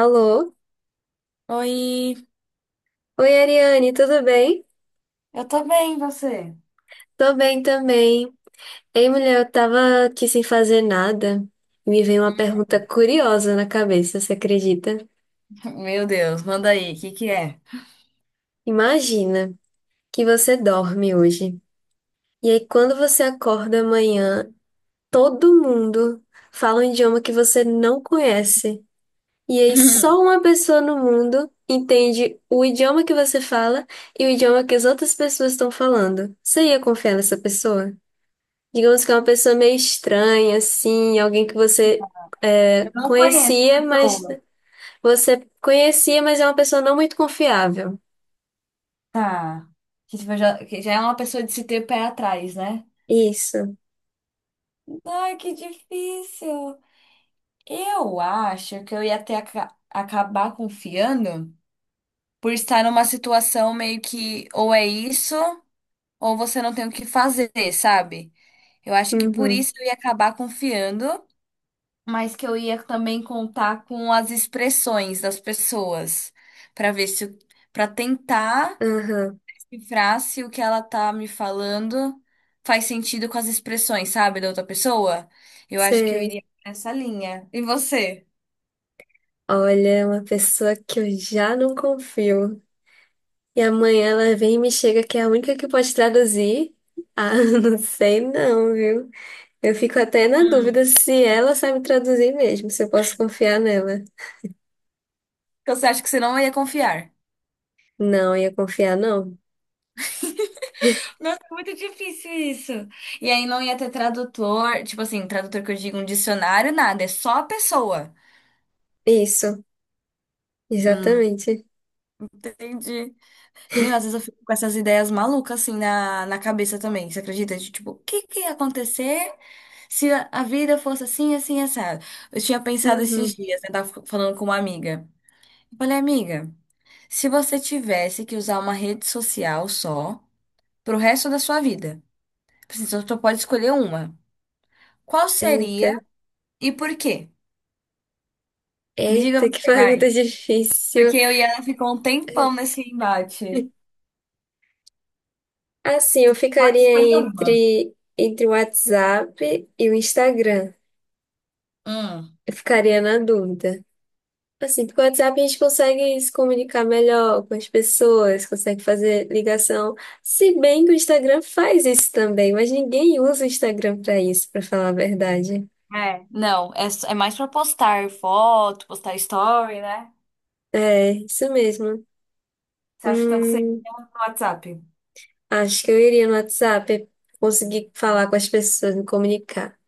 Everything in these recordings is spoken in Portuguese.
Alô? Oi, Oi, Ariane, tudo bem? eu tô bem, e você? Tô bem também. Ei, mulher, eu tava aqui sem fazer nada. Me veio uma pergunta curiosa na cabeça, você acredita? Meu Deus, manda aí, o que que é? Imagina que você dorme hoje. E aí, quando você acorda amanhã, todo mundo fala um idioma que você não conhece. E aí, só uma pessoa no mundo entende o idioma que você fala e o idioma que as outras pessoas estão falando. Você ia confiar nessa pessoa? Digamos que é uma pessoa meio estranha, assim, alguém que você Eu não conheço a conhecia, mas pessoa. você conhecia, mas é uma pessoa não muito confiável. Tá. Que tipo, já, que já é uma pessoa de se ter pé atrás, né? Isso. Ai, que difícil. Eu acho que eu ia até acabar confiando por estar numa situação meio que ou é isso ou você não tem o que fazer, sabe? Eu acho que por Uhum. isso eu ia acabar confiando, mas que eu ia também contar com as expressões das pessoas, para ver se, para tentar Aham. cifrar se o que ela tá me falando faz sentido com as expressões, sabe, da outra pessoa. Eu acho que eu Sei. iria nessa linha. E você? Olha, é uma pessoa que eu já não confio. E amanhã ela vem e me chega que é a única que pode traduzir. Ah, não sei não, viu? Eu fico até na Hum. dúvida se ela sabe traduzir mesmo, se eu posso confiar nela. Então você acha que você não ia confiar? Não, ia confiar não. Muito difícil isso. E aí não ia ter tradutor, tipo assim, tradutor que eu digo um dicionário, nada, é só a pessoa. Isso, Hum, exatamente. entendi. Meu, às vezes eu fico com essas ideias malucas assim na cabeça também. Você acredita? De, tipo, o que que ia acontecer se a vida fosse assim, assim, assado? Eu tinha pensado esses Uhum. dias, né? Tava falando com uma amiga. Eu falei, amiga, se você tivesse que usar uma rede social só pro resto da sua vida, assim, você só pode escolher uma. Qual Eita, seria e por quê? Me diga eita, que você, pergunta vai. difícil. Porque eu e ela ficou um tempão nesse embate. Assim, eu Pode escolher ficaria uma. entre o WhatsApp e o Instagram. Hum. Eu ficaria na dúvida. Assim, porque o WhatsApp a gente consegue se comunicar melhor com as pessoas, consegue fazer ligação. Se bem que o Instagram faz isso também, mas ninguém usa o Instagram para isso, para falar a verdade. É, não, é, é mais pra postar foto, postar story, né? É, isso mesmo. Você acha então que tanto seria Hum, no WhatsApp? acho que eu iria no WhatsApp conseguir falar com as pessoas, me comunicar.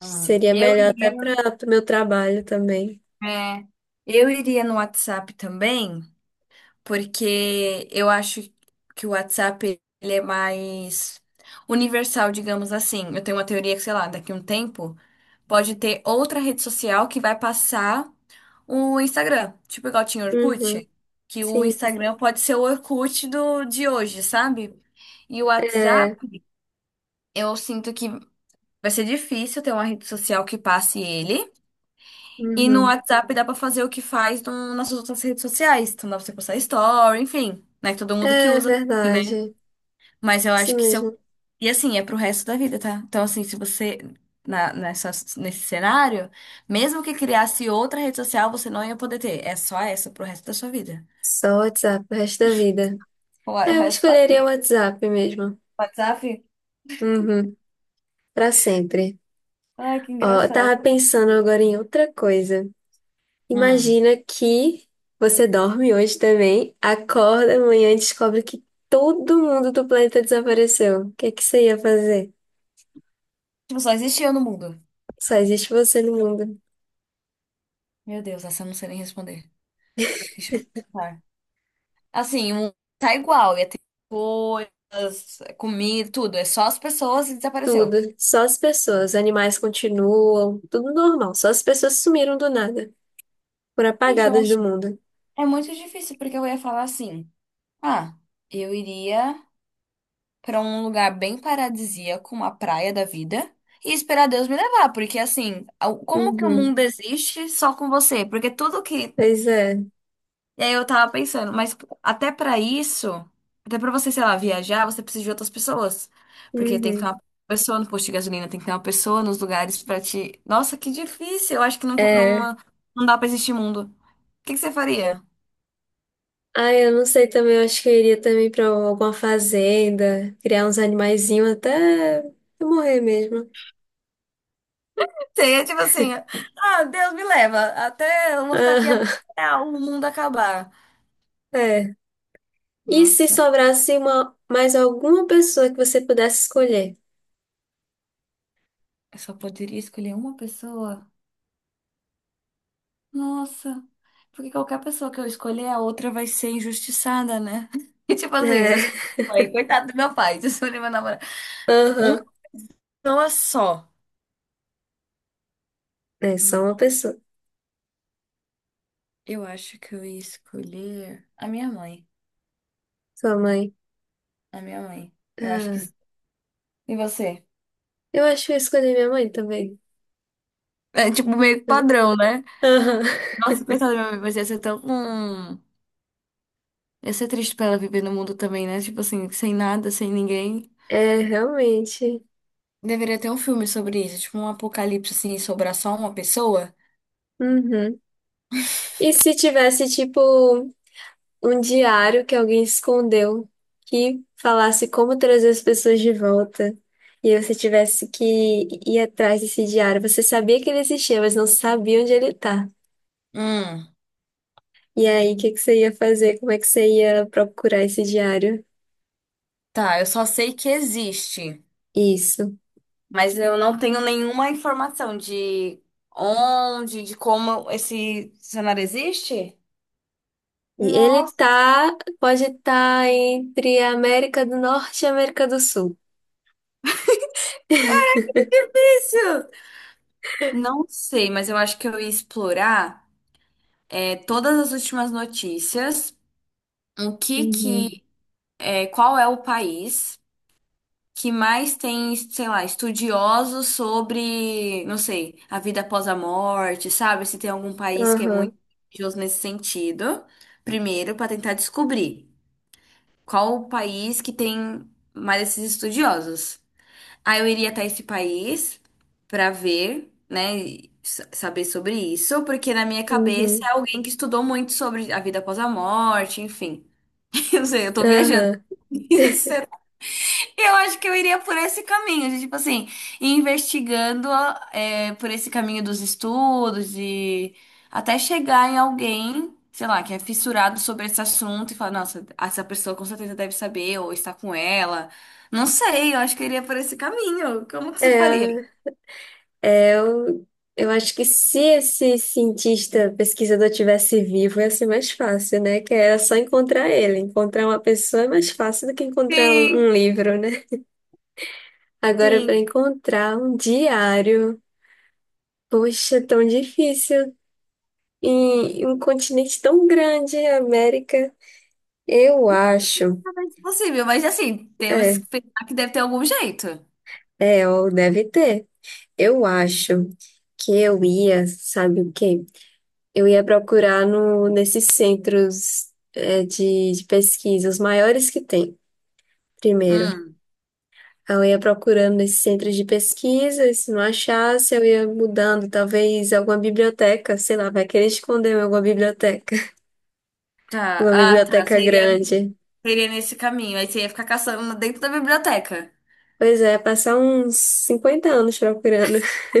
Seria Eu melhor até iria, para o meu trabalho também. é, eu iria no WhatsApp também, porque eu acho que o WhatsApp ele é mais universal, digamos assim. Eu tenho uma teoria que, sei lá, daqui a um tempo pode ter outra rede social que vai passar o Instagram, tipo igual tinha o Uhum. Orkut, que o Sim, Instagram pode ser o Orkut do de hoje, sabe? E o WhatsApp, é. eu sinto que vai ser difícil ter uma rede social que passe ele. E no Uhum. WhatsApp dá pra fazer o que faz nas outras redes sociais. Então dá pra você postar story, enfim, né? Todo mundo que É usa também, né? verdade. Mas eu Isso acho que se eu. mesmo. E assim, é pro resto da vida, tá? Então, assim, se você. Nessa, nesse cenário, mesmo que criasse outra rede social, você não ia poder ter. É só essa pro resto da sua vida. Só WhatsApp o resto da vida. O É, eu resto da escolheria o WhatsApp mesmo. WhatsApp? Uhum. Para sempre. Ai, que Ó, eu engraçado. tava pensando agora em outra coisa. Hum. Imagina que você dorme hoje também, acorda amanhã e descobre que todo mundo do planeta desapareceu. O que é que você ia fazer? Tipo, só existe eu no mundo. Só existe você no mundo. Meu Deus, essa eu não sei nem responder. Deixa eu pensar. Assim, o mundo tá igual, ia ter coisas, comida, tudo. É só as pessoas e desapareceu. Tudo. Só as pessoas. Animais continuam. Tudo normal. Só as pessoas sumiram do nada. Foram Gente, eu apagadas acho. do mundo. É muito difícil, porque eu ia falar assim: ah, eu iria pra um lugar bem paradisíaco, uma praia da vida, e esperar Deus me levar, porque assim, como que o Uhum. mundo existe só com você? Porque tudo que. Pois é. E aí eu tava pensando, mas até pra isso, até pra você, sei lá, viajar, você precisa de outras pessoas. Porque tem que ter Uhum. uma pessoa no posto de gasolina, tem que ter uma pessoa nos lugares pra te. Nossa, que difícil! Eu acho que não, É. não, não dá pra existir mundo. O que que você faria? Ah, eu não sei também. Eu acho que eu iria também pra alguma fazenda. Criar uns animaizinhos até eu morrer mesmo. Seria tipo assim, ah, Deus me leva, até eu vou ficar aqui até Aham. o mundo acabar. É. E se Nossa, sobrasse uma, mais alguma pessoa que você pudesse escolher? eu só poderia escolher uma pessoa. Nossa, porque qualquer pessoa que eu escolher, a outra vai ser injustiçada, né? E tipo assim, se É, eu escolher meu pai, coitado do meu pai, se eu escolher meu namorado. Uma aham. pessoa só. É só uma Hum, pessoa. eu acho que eu ia escolher a minha mãe. Sua mãe. A minha mãe. Eu acho que Ah, sim. E você? eu acho que eu escolhi minha mãe também. É tipo meio que É, padrão, né? aham. Nossa, coitada da minha mãe, mas ia ser tão. Ia ser triste pra ela viver no mundo também, né? Tipo assim, sem nada, sem ninguém. É, realmente. Deveria ter um filme sobre isso, tipo um apocalipse assim, e sobrar só uma pessoa. Uhum. E se tivesse, tipo, um diário que alguém escondeu que falasse como trazer as pessoas de volta? E você tivesse que ir atrás desse diário. Você sabia que ele existia, mas não sabia onde ele tá. Hum. E aí, o que que você ia fazer? Como é que você ia procurar esse diário? Tá, eu só sei que existe, Isso. mas eu não tenho nenhuma informação de onde, de como esse cenário existe. E ele Nossa, tá, pode estar entre a América do Norte e a América do Sul. que difícil! Não sei, mas eu acho que eu ia explorar, é, todas as últimas notícias, o que Uhum. que, é, qual é o país que mais tem, sei lá, estudiosos sobre, não sei, a vida após a morte, sabe? Se tem algum país que é Aham, muito religioso nesse sentido, primeiro para tentar descobrir qual o país que tem mais esses estudiosos. Aí eu iria até esse país para ver, né, e saber sobre isso, porque na minha cabeça é uhum, alguém que estudou muito sobre a vida após a morte, enfim. Eu não sei, eu tô viajando. aham. Eu acho que eu iria por esse caminho, de, tipo assim, ir investigando, é, por esse caminho dos estudos e até chegar em alguém, sei lá, que é fissurado sobre esse assunto e falar, nossa, essa pessoa com certeza deve saber ou está com ela. Não sei, eu acho que eu iria por esse caminho. Como que você faria? É, é, eu acho que se esse cientista, pesquisador tivesse vivo, ia ser mais fácil, né? Que era só encontrar ele. Encontrar uma pessoa é mais fácil do que encontrar um, Sim, um livro, né? Agora, sim, para encontrar um diário. Poxa, é tão difícil. E um continente tão grande, a América. Eu acho. talvez possível, mas assim, temos É, que pensar que deve ter algum jeito. é, ó, deve ter. Eu acho que eu ia, sabe o quê? Eu ia procurar no, nesses centros de pesquisa, os maiores que tem, primeiro. Hum, Eu ia procurando nesses centros de pesquisa, e se não achasse, eu ia mudando, talvez alguma biblioteca, sei lá, vai querer esconder em alguma biblioteca, tá. alguma Ah, tá. biblioteca Seria, grande. seria nesse caminho. Aí você ia ficar caçando dentro da biblioteca. Pois é, passar uns 50 anos procurando.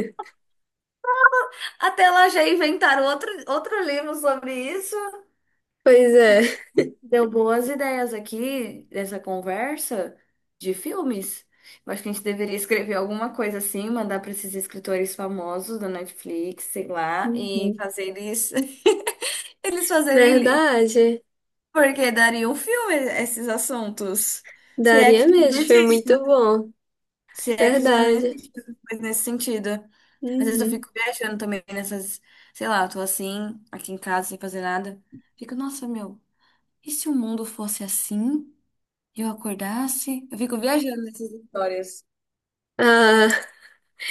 Até lá já inventaram outro, outro livro sobre isso. Pois é. Deu boas ideias aqui dessa conversa de filmes. Eu acho que a gente deveria escrever alguma coisa assim, mandar para esses escritores famosos da Netflix, sei lá, e Uhum. fazer eles, eles fazerem, Verdade. porque daria um filme esses assuntos. Se é Daria que mesmo, foi existe. muito bom. Se é que já não Verdade. existe coisa nesse sentido. Às vezes eu Uhum. fico viajando também nessas, sei lá, eu tô assim, aqui em casa, sem fazer nada. Fico, nossa, meu, e se o mundo fosse assim? Eu acordasse? Eu fico viajando nessas histórias. Ah,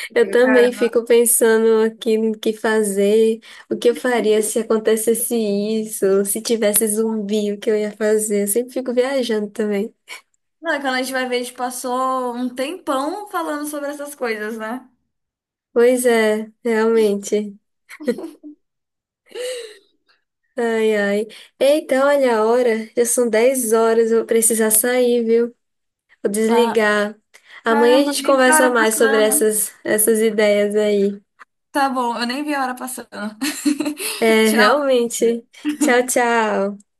Eu eu fico, cara, também fico pensando aqui no que fazer, o que eu faria se acontecesse isso, se tivesse zumbi, o que eu ia fazer. Eu sempre fico viajando também. não, é quando a gente vai ver, a gente passou um tempão falando sobre essas coisas, né? Pois é, realmente. Ai, ai. Eita, olha a hora, já são 10 horas, eu vou precisar sair, viu? Vou Ah, desligar. Amanhã a caramba, gente nem vi a conversa hora mais sobre passando. Essas ideias aí. Tá bom, eu nem vi a hora passando. É, Tchau. realmente. Tchau, tchau.